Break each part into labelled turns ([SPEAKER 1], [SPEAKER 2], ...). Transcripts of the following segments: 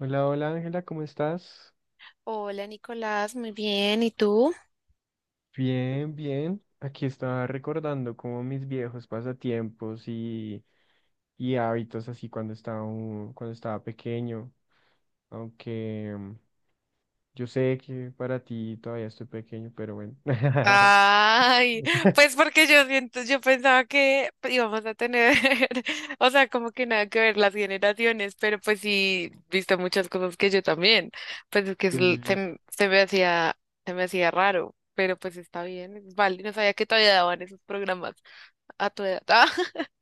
[SPEAKER 1] Hola, hola Ángela, ¿cómo estás?
[SPEAKER 2] Hola Nicolás, muy bien. ¿Y tú?
[SPEAKER 1] Bien, bien. Aquí estaba recordando como mis viejos pasatiempos y hábitos así cuando estaba, cuando estaba pequeño. Aunque yo sé que para ti todavía estoy pequeño, pero bueno.
[SPEAKER 2] Ay, pues porque yo pensaba que íbamos a tener, o sea, como que nada que ver las generaciones, pero pues sí, visto muchas cosas que yo también, pues es que es l- se,
[SPEAKER 1] Sí,
[SPEAKER 2] m- se me hacía raro, pero pues está bien, es vale, no sabía que todavía daban esos programas a tu edad.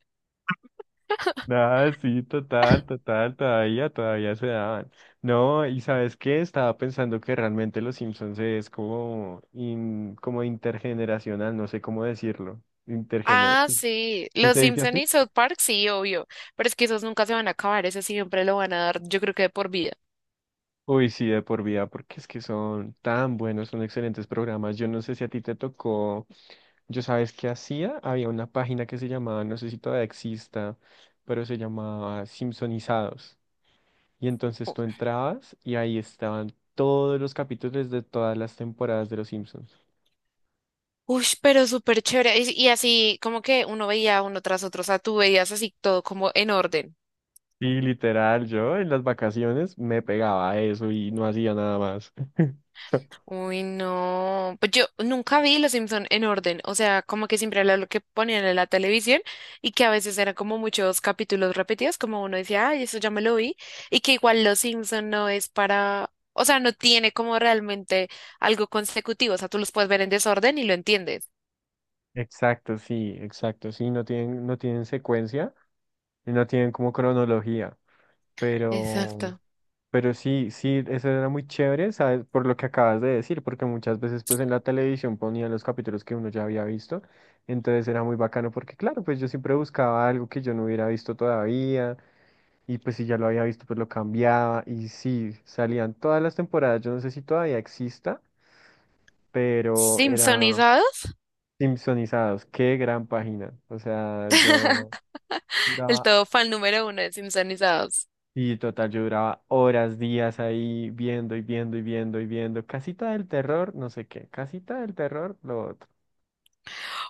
[SPEAKER 1] nada, sí, total, total, todavía, todavía se daban. No, y ¿sabes qué? Estaba pensando que realmente Los Simpsons es como, como intergeneracional, no sé cómo decirlo.
[SPEAKER 2] Ah,
[SPEAKER 1] Intergeneracional.
[SPEAKER 2] sí,
[SPEAKER 1] ¿Sí
[SPEAKER 2] los
[SPEAKER 1] se dice
[SPEAKER 2] Simpson
[SPEAKER 1] así?
[SPEAKER 2] y South Park, sí, obvio, pero es que esos nunca se van a acabar, esos siempre lo van a dar, yo creo que de por vida.
[SPEAKER 1] Uy, sí, de por vida, porque es que son tan buenos, son excelentes programas. Yo no sé si a ti te tocó, yo sabes qué hacía, había una página que se llamaba, no sé si todavía exista, pero se llamaba Simpsonizados. Y entonces tú entrabas y ahí estaban todos los capítulos de todas las temporadas de Los Simpsons.
[SPEAKER 2] Uy, pero súper chévere. Y así como que uno veía uno tras otro, o sea, tú veías así todo como en orden.
[SPEAKER 1] Y literal, yo en las vacaciones me pegaba a eso y no hacía nada más.
[SPEAKER 2] Uy, no. Pues yo nunca vi Los Simpson en orden, o sea, como que siempre era lo que ponían en la televisión y que a veces eran como muchos capítulos repetidos, como uno decía, ay, eso ya me lo vi, y que igual Los Simpson no es para, o sea, no tiene como realmente algo consecutivo, o sea, tú los puedes ver en desorden y lo entiendes.
[SPEAKER 1] Exacto, sí, exacto, sí, no tienen, no tienen secuencia. Y no tienen como cronología, pero,
[SPEAKER 2] Exacto.
[SPEAKER 1] pero sí, sí, eso era muy chévere, ¿sabes? Por lo que acabas de decir, porque muchas veces pues en la televisión ponían los capítulos que uno ya había visto, entonces era muy bacano porque claro, pues yo siempre buscaba algo que yo no hubiera visto todavía, y pues si ya lo había visto pues lo cambiaba, y sí, salían todas las temporadas, yo no sé si todavía exista, pero era
[SPEAKER 2] Simpsonizados,
[SPEAKER 1] Simpsonizados, qué gran página, o sea, yo...
[SPEAKER 2] el
[SPEAKER 1] duraba.
[SPEAKER 2] todo fan número uno de Simpsonizados.
[SPEAKER 1] Y total, yo duraba horas, días ahí viendo y viendo y viendo y viendo. Casita del terror, no sé qué. Casita del terror, lo otro.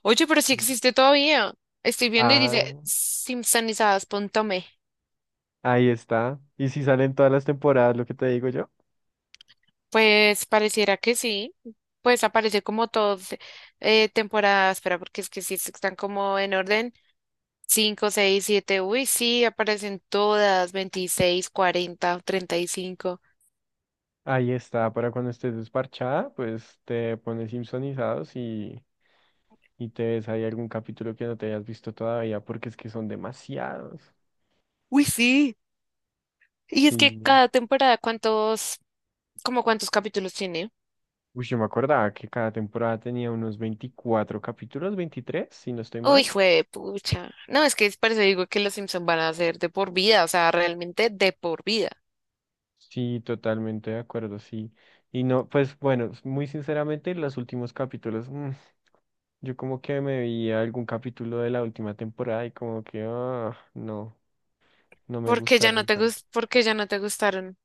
[SPEAKER 2] Oye, pero sí
[SPEAKER 1] Sí.
[SPEAKER 2] existe todavía. Estoy viendo y
[SPEAKER 1] Ah,
[SPEAKER 2] dice simpsonizadas.me.
[SPEAKER 1] ahí está. Y si salen todas las temporadas, lo que te digo yo,
[SPEAKER 2] Pues pareciera que sí. Pues aparece como todos, temporadas. Espera, porque es que sí están como en orden. Cinco, 6, 7. Uy, sí, aparecen todas. 26, 40, 35.
[SPEAKER 1] ahí está. Para cuando estés desparchada, pues te pones Simpsonizados y te ves ahí algún capítulo que no te hayas visto todavía, porque es que son demasiados.
[SPEAKER 2] Uy, sí. Y es que
[SPEAKER 1] Sí.
[SPEAKER 2] cada temporada, ¿ como cuántos capítulos tiene?
[SPEAKER 1] Uy, yo me acordaba que cada temporada tenía unos 24 capítulos, 23 si no estoy
[SPEAKER 2] Uy,
[SPEAKER 1] mal.
[SPEAKER 2] jue pucha. No, es que es por eso digo que los Simpsons van a ser de por vida, o sea, realmente de por vida.
[SPEAKER 1] Sí, totalmente de acuerdo, sí. Y no, pues bueno, muy sinceramente, los últimos capítulos, yo como que me vi algún capítulo de la última temporada y como que, ah, no, no me gustaron tanto.
[SPEAKER 2] Porque ya no te gustaron.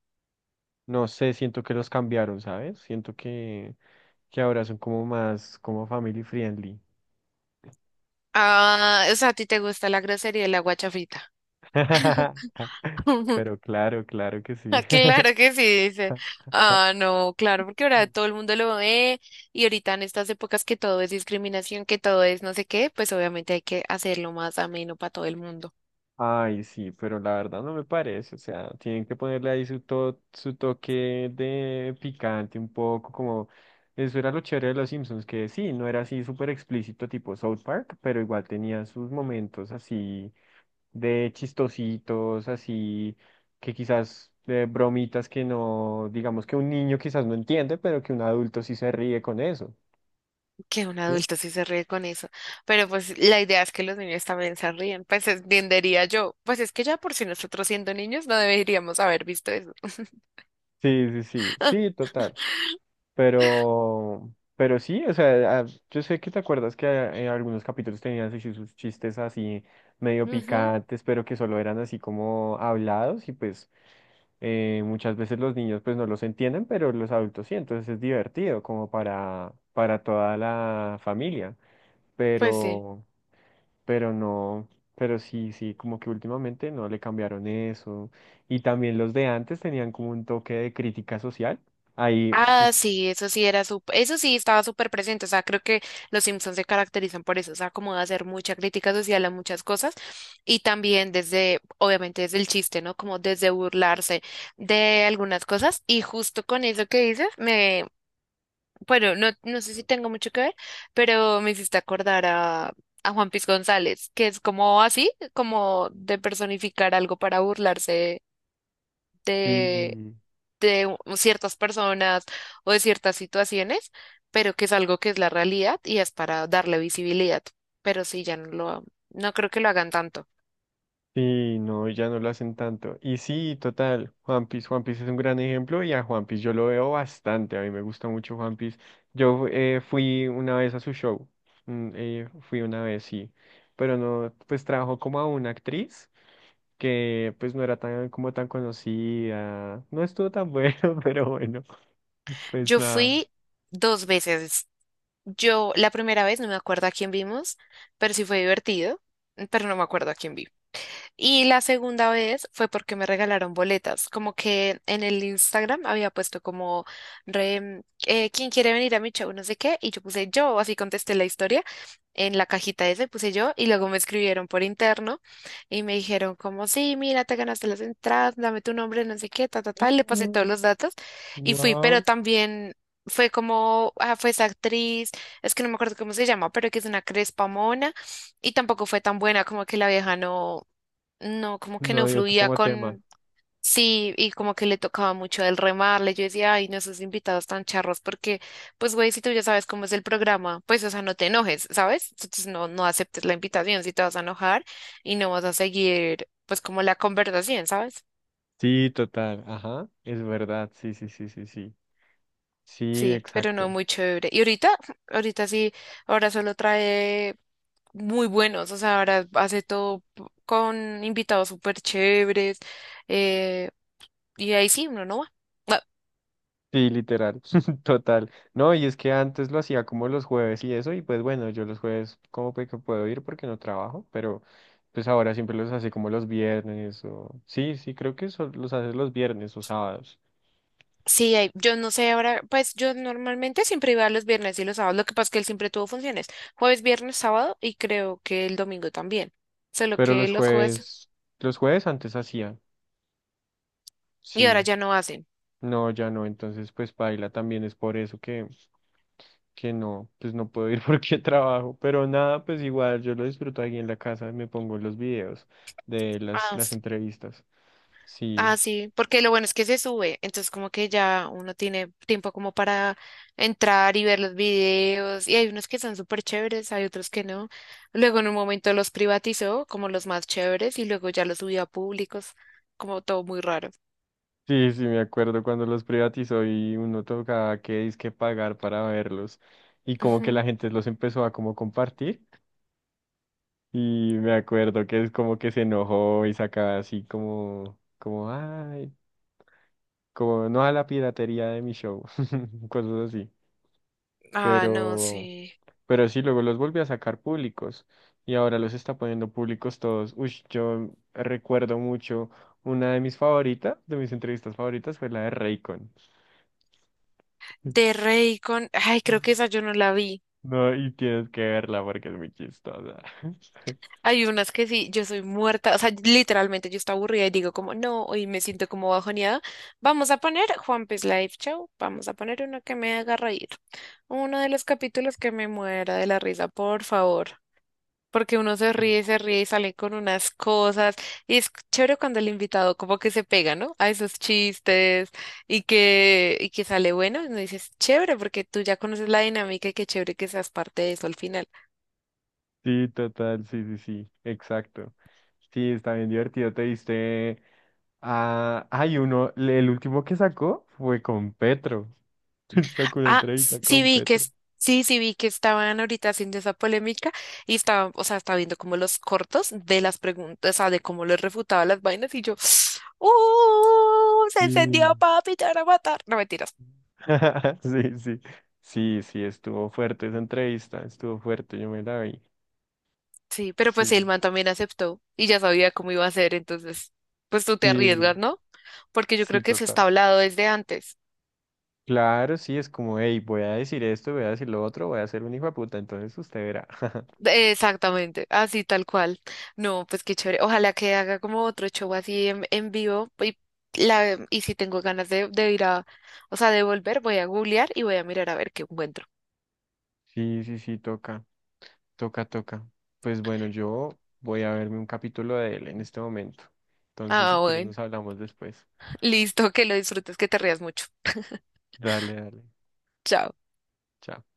[SPEAKER 1] No sé, siento que los cambiaron, ¿sabes? Siento que ahora son como más, como family friendly.
[SPEAKER 2] Ah, o sea, a ti te gusta la grosería y la guachafita.
[SPEAKER 1] Pero claro, claro que sí.
[SPEAKER 2] Ah, claro que sí, dice. Ah, no, claro, porque ahora todo el mundo lo ve y ahorita en estas épocas que todo es discriminación, que todo es no sé qué, pues obviamente hay que hacerlo más ameno para todo el mundo.
[SPEAKER 1] Ay, sí, pero la verdad no me parece, o sea, tienen que ponerle ahí su, su toque de picante un poco, como eso era lo chévere de los Simpsons, que sí, no era así súper explícito tipo South Park, pero igual tenía sus momentos así de chistositos, así que quizás de bromitas que no, digamos que un niño quizás no entiende, pero que un adulto sí se ríe con eso,
[SPEAKER 2] Que un
[SPEAKER 1] ¿sí?
[SPEAKER 2] adulto sí se ríe con eso. Pero pues la idea es que los niños también se ríen. Pues entendería yo. Pues es que ya por si nosotros siendo niños no deberíamos haber visto eso.
[SPEAKER 1] Sí, sí, sí, sí, total. Pero sí, o sea, ah, yo sé que te acuerdas que algunos capítulos tenían así sus chistes así medio
[SPEAKER 2] Ujú,
[SPEAKER 1] picantes, pero que solo eran así como hablados y pues muchas veces los niños pues no los entienden, pero los adultos sí, entonces es divertido como para toda la familia,
[SPEAKER 2] pues sí.
[SPEAKER 1] pero, pero no, pero sí, sí, como que últimamente no le cambiaron eso y también los de antes tenían como un toque de crítica social, ahí, uf,
[SPEAKER 2] Ah, sí, eso sí era súper, eso sí estaba súper presente, o sea, creo que los Simpsons se caracterizan por eso, o sea, como de hacer mucha crítica social a muchas cosas y también desde, obviamente desde el chiste, ¿no? Como desde burlarse de algunas cosas y justo con eso que dices, me, bueno, no, no sé si tengo mucho que ver, pero me hiciste acordar a Juan Piz González, que es como así, como de personificar algo para burlarse
[SPEAKER 1] sí.
[SPEAKER 2] de ciertas personas o de ciertas situaciones, pero que es algo que es la realidad y es para darle visibilidad. Pero sí, no creo que lo hagan tanto.
[SPEAKER 1] Sí, no, ya no lo hacen tanto. Y sí, total, Juan Piece, Juan Piece es un gran ejemplo y a Juan Piece yo lo veo bastante, a mí me gusta mucho Juan Piece. Yo fui una vez a su show, fui una vez, sí, pero no, pues trabajó como a una actriz que pues no era tan como tan conocida, no estuvo tan bueno, pero bueno, pues
[SPEAKER 2] Yo
[SPEAKER 1] nada.
[SPEAKER 2] fui dos veces. Yo la primera vez no me acuerdo a quién vimos, pero sí fue divertido, pero no me acuerdo a quién vimos. Y la segunda vez fue porque me regalaron boletas, como que en el Instagram había puesto como, ¿quién quiere venir a mi show? No sé qué, y yo puse yo, así contesté la historia en la cajita esa, puse yo, y luego me escribieron por interno y me dijeron como, sí, mira, te ganaste las entradas, dame tu nombre, no sé qué, ta, ta, ta, y le pasé todos los datos y fui, pero
[SPEAKER 1] Wow,
[SPEAKER 2] también... Fue como, ah, fue esa actriz, es que no me acuerdo cómo se llama, pero que es una crespa mona y tampoco fue tan buena, como que la vieja no, no, como que
[SPEAKER 1] no
[SPEAKER 2] no
[SPEAKER 1] dio tú
[SPEAKER 2] fluía
[SPEAKER 1] como tema.
[SPEAKER 2] con, sí, y como que le tocaba mucho el remarle. Yo decía, ay, no, esos invitados tan charros, porque, pues, güey, si tú ya sabes cómo es el programa, pues, o sea, no te enojes, ¿sabes? Entonces no, no aceptes la invitación si te vas a enojar y no vas a seguir, pues, como la conversación, ¿sabes?
[SPEAKER 1] Sí, total, ajá, es verdad, sí, sí, sí, sí, sí. Sí,
[SPEAKER 2] Sí, pero no
[SPEAKER 1] exacto.
[SPEAKER 2] muy chévere. Y ahorita, ahorita sí, ahora solo trae muy buenos, o sea, ahora hace todo con invitados súper chéveres, eh, y ahí sí, uno no va.
[SPEAKER 1] Sí, literal, total. No, y es que antes lo hacía como los jueves y eso, y pues bueno, yo los jueves como que puedo ir porque no trabajo, pero pues ahora siempre los hace como los viernes o... Sí, sí, creo que eso los hace los viernes o sábados,
[SPEAKER 2] Sí, yo no sé ahora, pues yo normalmente siempre iba los viernes y los sábados, lo que pasa es que él siempre tuvo funciones, jueves, viernes, sábado y creo que el domingo también, solo
[SPEAKER 1] pero
[SPEAKER 2] que los jueves
[SPEAKER 1] los jueves antes hacía,
[SPEAKER 2] y ahora
[SPEAKER 1] sí,
[SPEAKER 2] ya no hacen.
[SPEAKER 1] no, ya no, entonces pues paila también es por eso que no, pues no puedo ir porque trabajo, pero nada, pues igual yo lo disfruto aquí en la casa, me pongo los videos de
[SPEAKER 2] Ah,
[SPEAKER 1] las entrevistas, sí.
[SPEAKER 2] ah, sí, porque lo bueno es que se sube, entonces como que ya uno tiene tiempo como para entrar y ver los videos y hay unos que son súper chéveres, hay otros que no. Luego en un momento los privatizó como los más chéveres y luego ya los subió a públicos, como todo muy raro.
[SPEAKER 1] Sí, sí, me acuerdo cuando los privatizó y uno tocaba que pagar para verlos y como que
[SPEAKER 2] Ujú.
[SPEAKER 1] la gente los empezó a como compartir y me acuerdo que es como que se enojó y sacaba así como, como, ay, como no a la piratería de mi show, cosas así,
[SPEAKER 2] Ah, no,
[SPEAKER 1] pero,
[SPEAKER 2] sí.
[SPEAKER 1] pero sí, luego los volvió a sacar públicos y ahora los está poniendo públicos todos. Uy, yo recuerdo mucho, una de mis favoritas, de mis entrevistas favoritas fue la de Raycon.
[SPEAKER 2] De Raycon, ay, creo que esa yo no la vi.
[SPEAKER 1] No, y tienes que verla porque es muy chistosa.
[SPEAKER 2] Hay unas que sí, yo soy muerta, o sea, literalmente yo estoy aburrida y digo como, no, hoy me siento como bajoneada. Vamos a poner Juan Pez Live Show, vamos a poner uno que me haga reír. Uno de los capítulos que me muera de la risa, por favor. Porque uno se ríe y sale con unas cosas. Y es chévere cuando el invitado como que se pega, ¿no? A esos chistes y que sale bueno. Y uno dices, chévere, porque tú ya conoces la dinámica y qué chévere que seas parte de eso al final.
[SPEAKER 1] Sí, total, sí, sí, sí, exacto. Sí, está bien divertido. Te viste. Ah, hay uno, el último que sacó fue con Petro. Sacó una
[SPEAKER 2] Ah,
[SPEAKER 1] entrevista con Petro.
[SPEAKER 2] sí vi que estaban ahorita haciendo esa polémica y estaba, o sea, estaba viendo como los cortos de las preguntas, o sea, de cómo les refutaba las vainas y yo, ¡uh! Se encendió,
[SPEAKER 1] Sí.
[SPEAKER 2] papi, te van a matar. No mentiras.
[SPEAKER 1] Sí, sí. Sí, sí, estuvo fuerte esa entrevista, estuvo fuerte, yo me la vi.
[SPEAKER 2] Sí, pero pues el
[SPEAKER 1] Sí,
[SPEAKER 2] man también aceptó y ya sabía cómo iba a ser, entonces, pues tú te
[SPEAKER 1] sí,
[SPEAKER 2] arriesgas, ¿no? Porque yo creo
[SPEAKER 1] sí,
[SPEAKER 2] que se está
[SPEAKER 1] total.
[SPEAKER 2] hablado desde antes.
[SPEAKER 1] Claro, sí, es como, hey, voy a decir esto, voy a decir lo otro, voy a ser un hijo de puta, entonces usted verá.
[SPEAKER 2] Exactamente, así tal cual. No, pues qué chévere. Ojalá que haga como otro show así en, vivo. Y si tengo ganas de ir a, o sea, de volver, voy a googlear y voy a mirar a ver qué encuentro.
[SPEAKER 1] Sí, sí, sí, toca, toca, toca. Pues bueno, yo voy a verme un capítulo de él en este momento. Entonces, si
[SPEAKER 2] Ah,
[SPEAKER 1] quieres,
[SPEAKER 2] bueno.
[SPEAKER 1] nos hablamos después.
[SPEAKER 2] Listo, que lo disfrutes, que te rías mucho.
[SPEAKER 1] Dale, dale.
[SPEAKER 2] Chao.
[SPEAKER 1] Chao.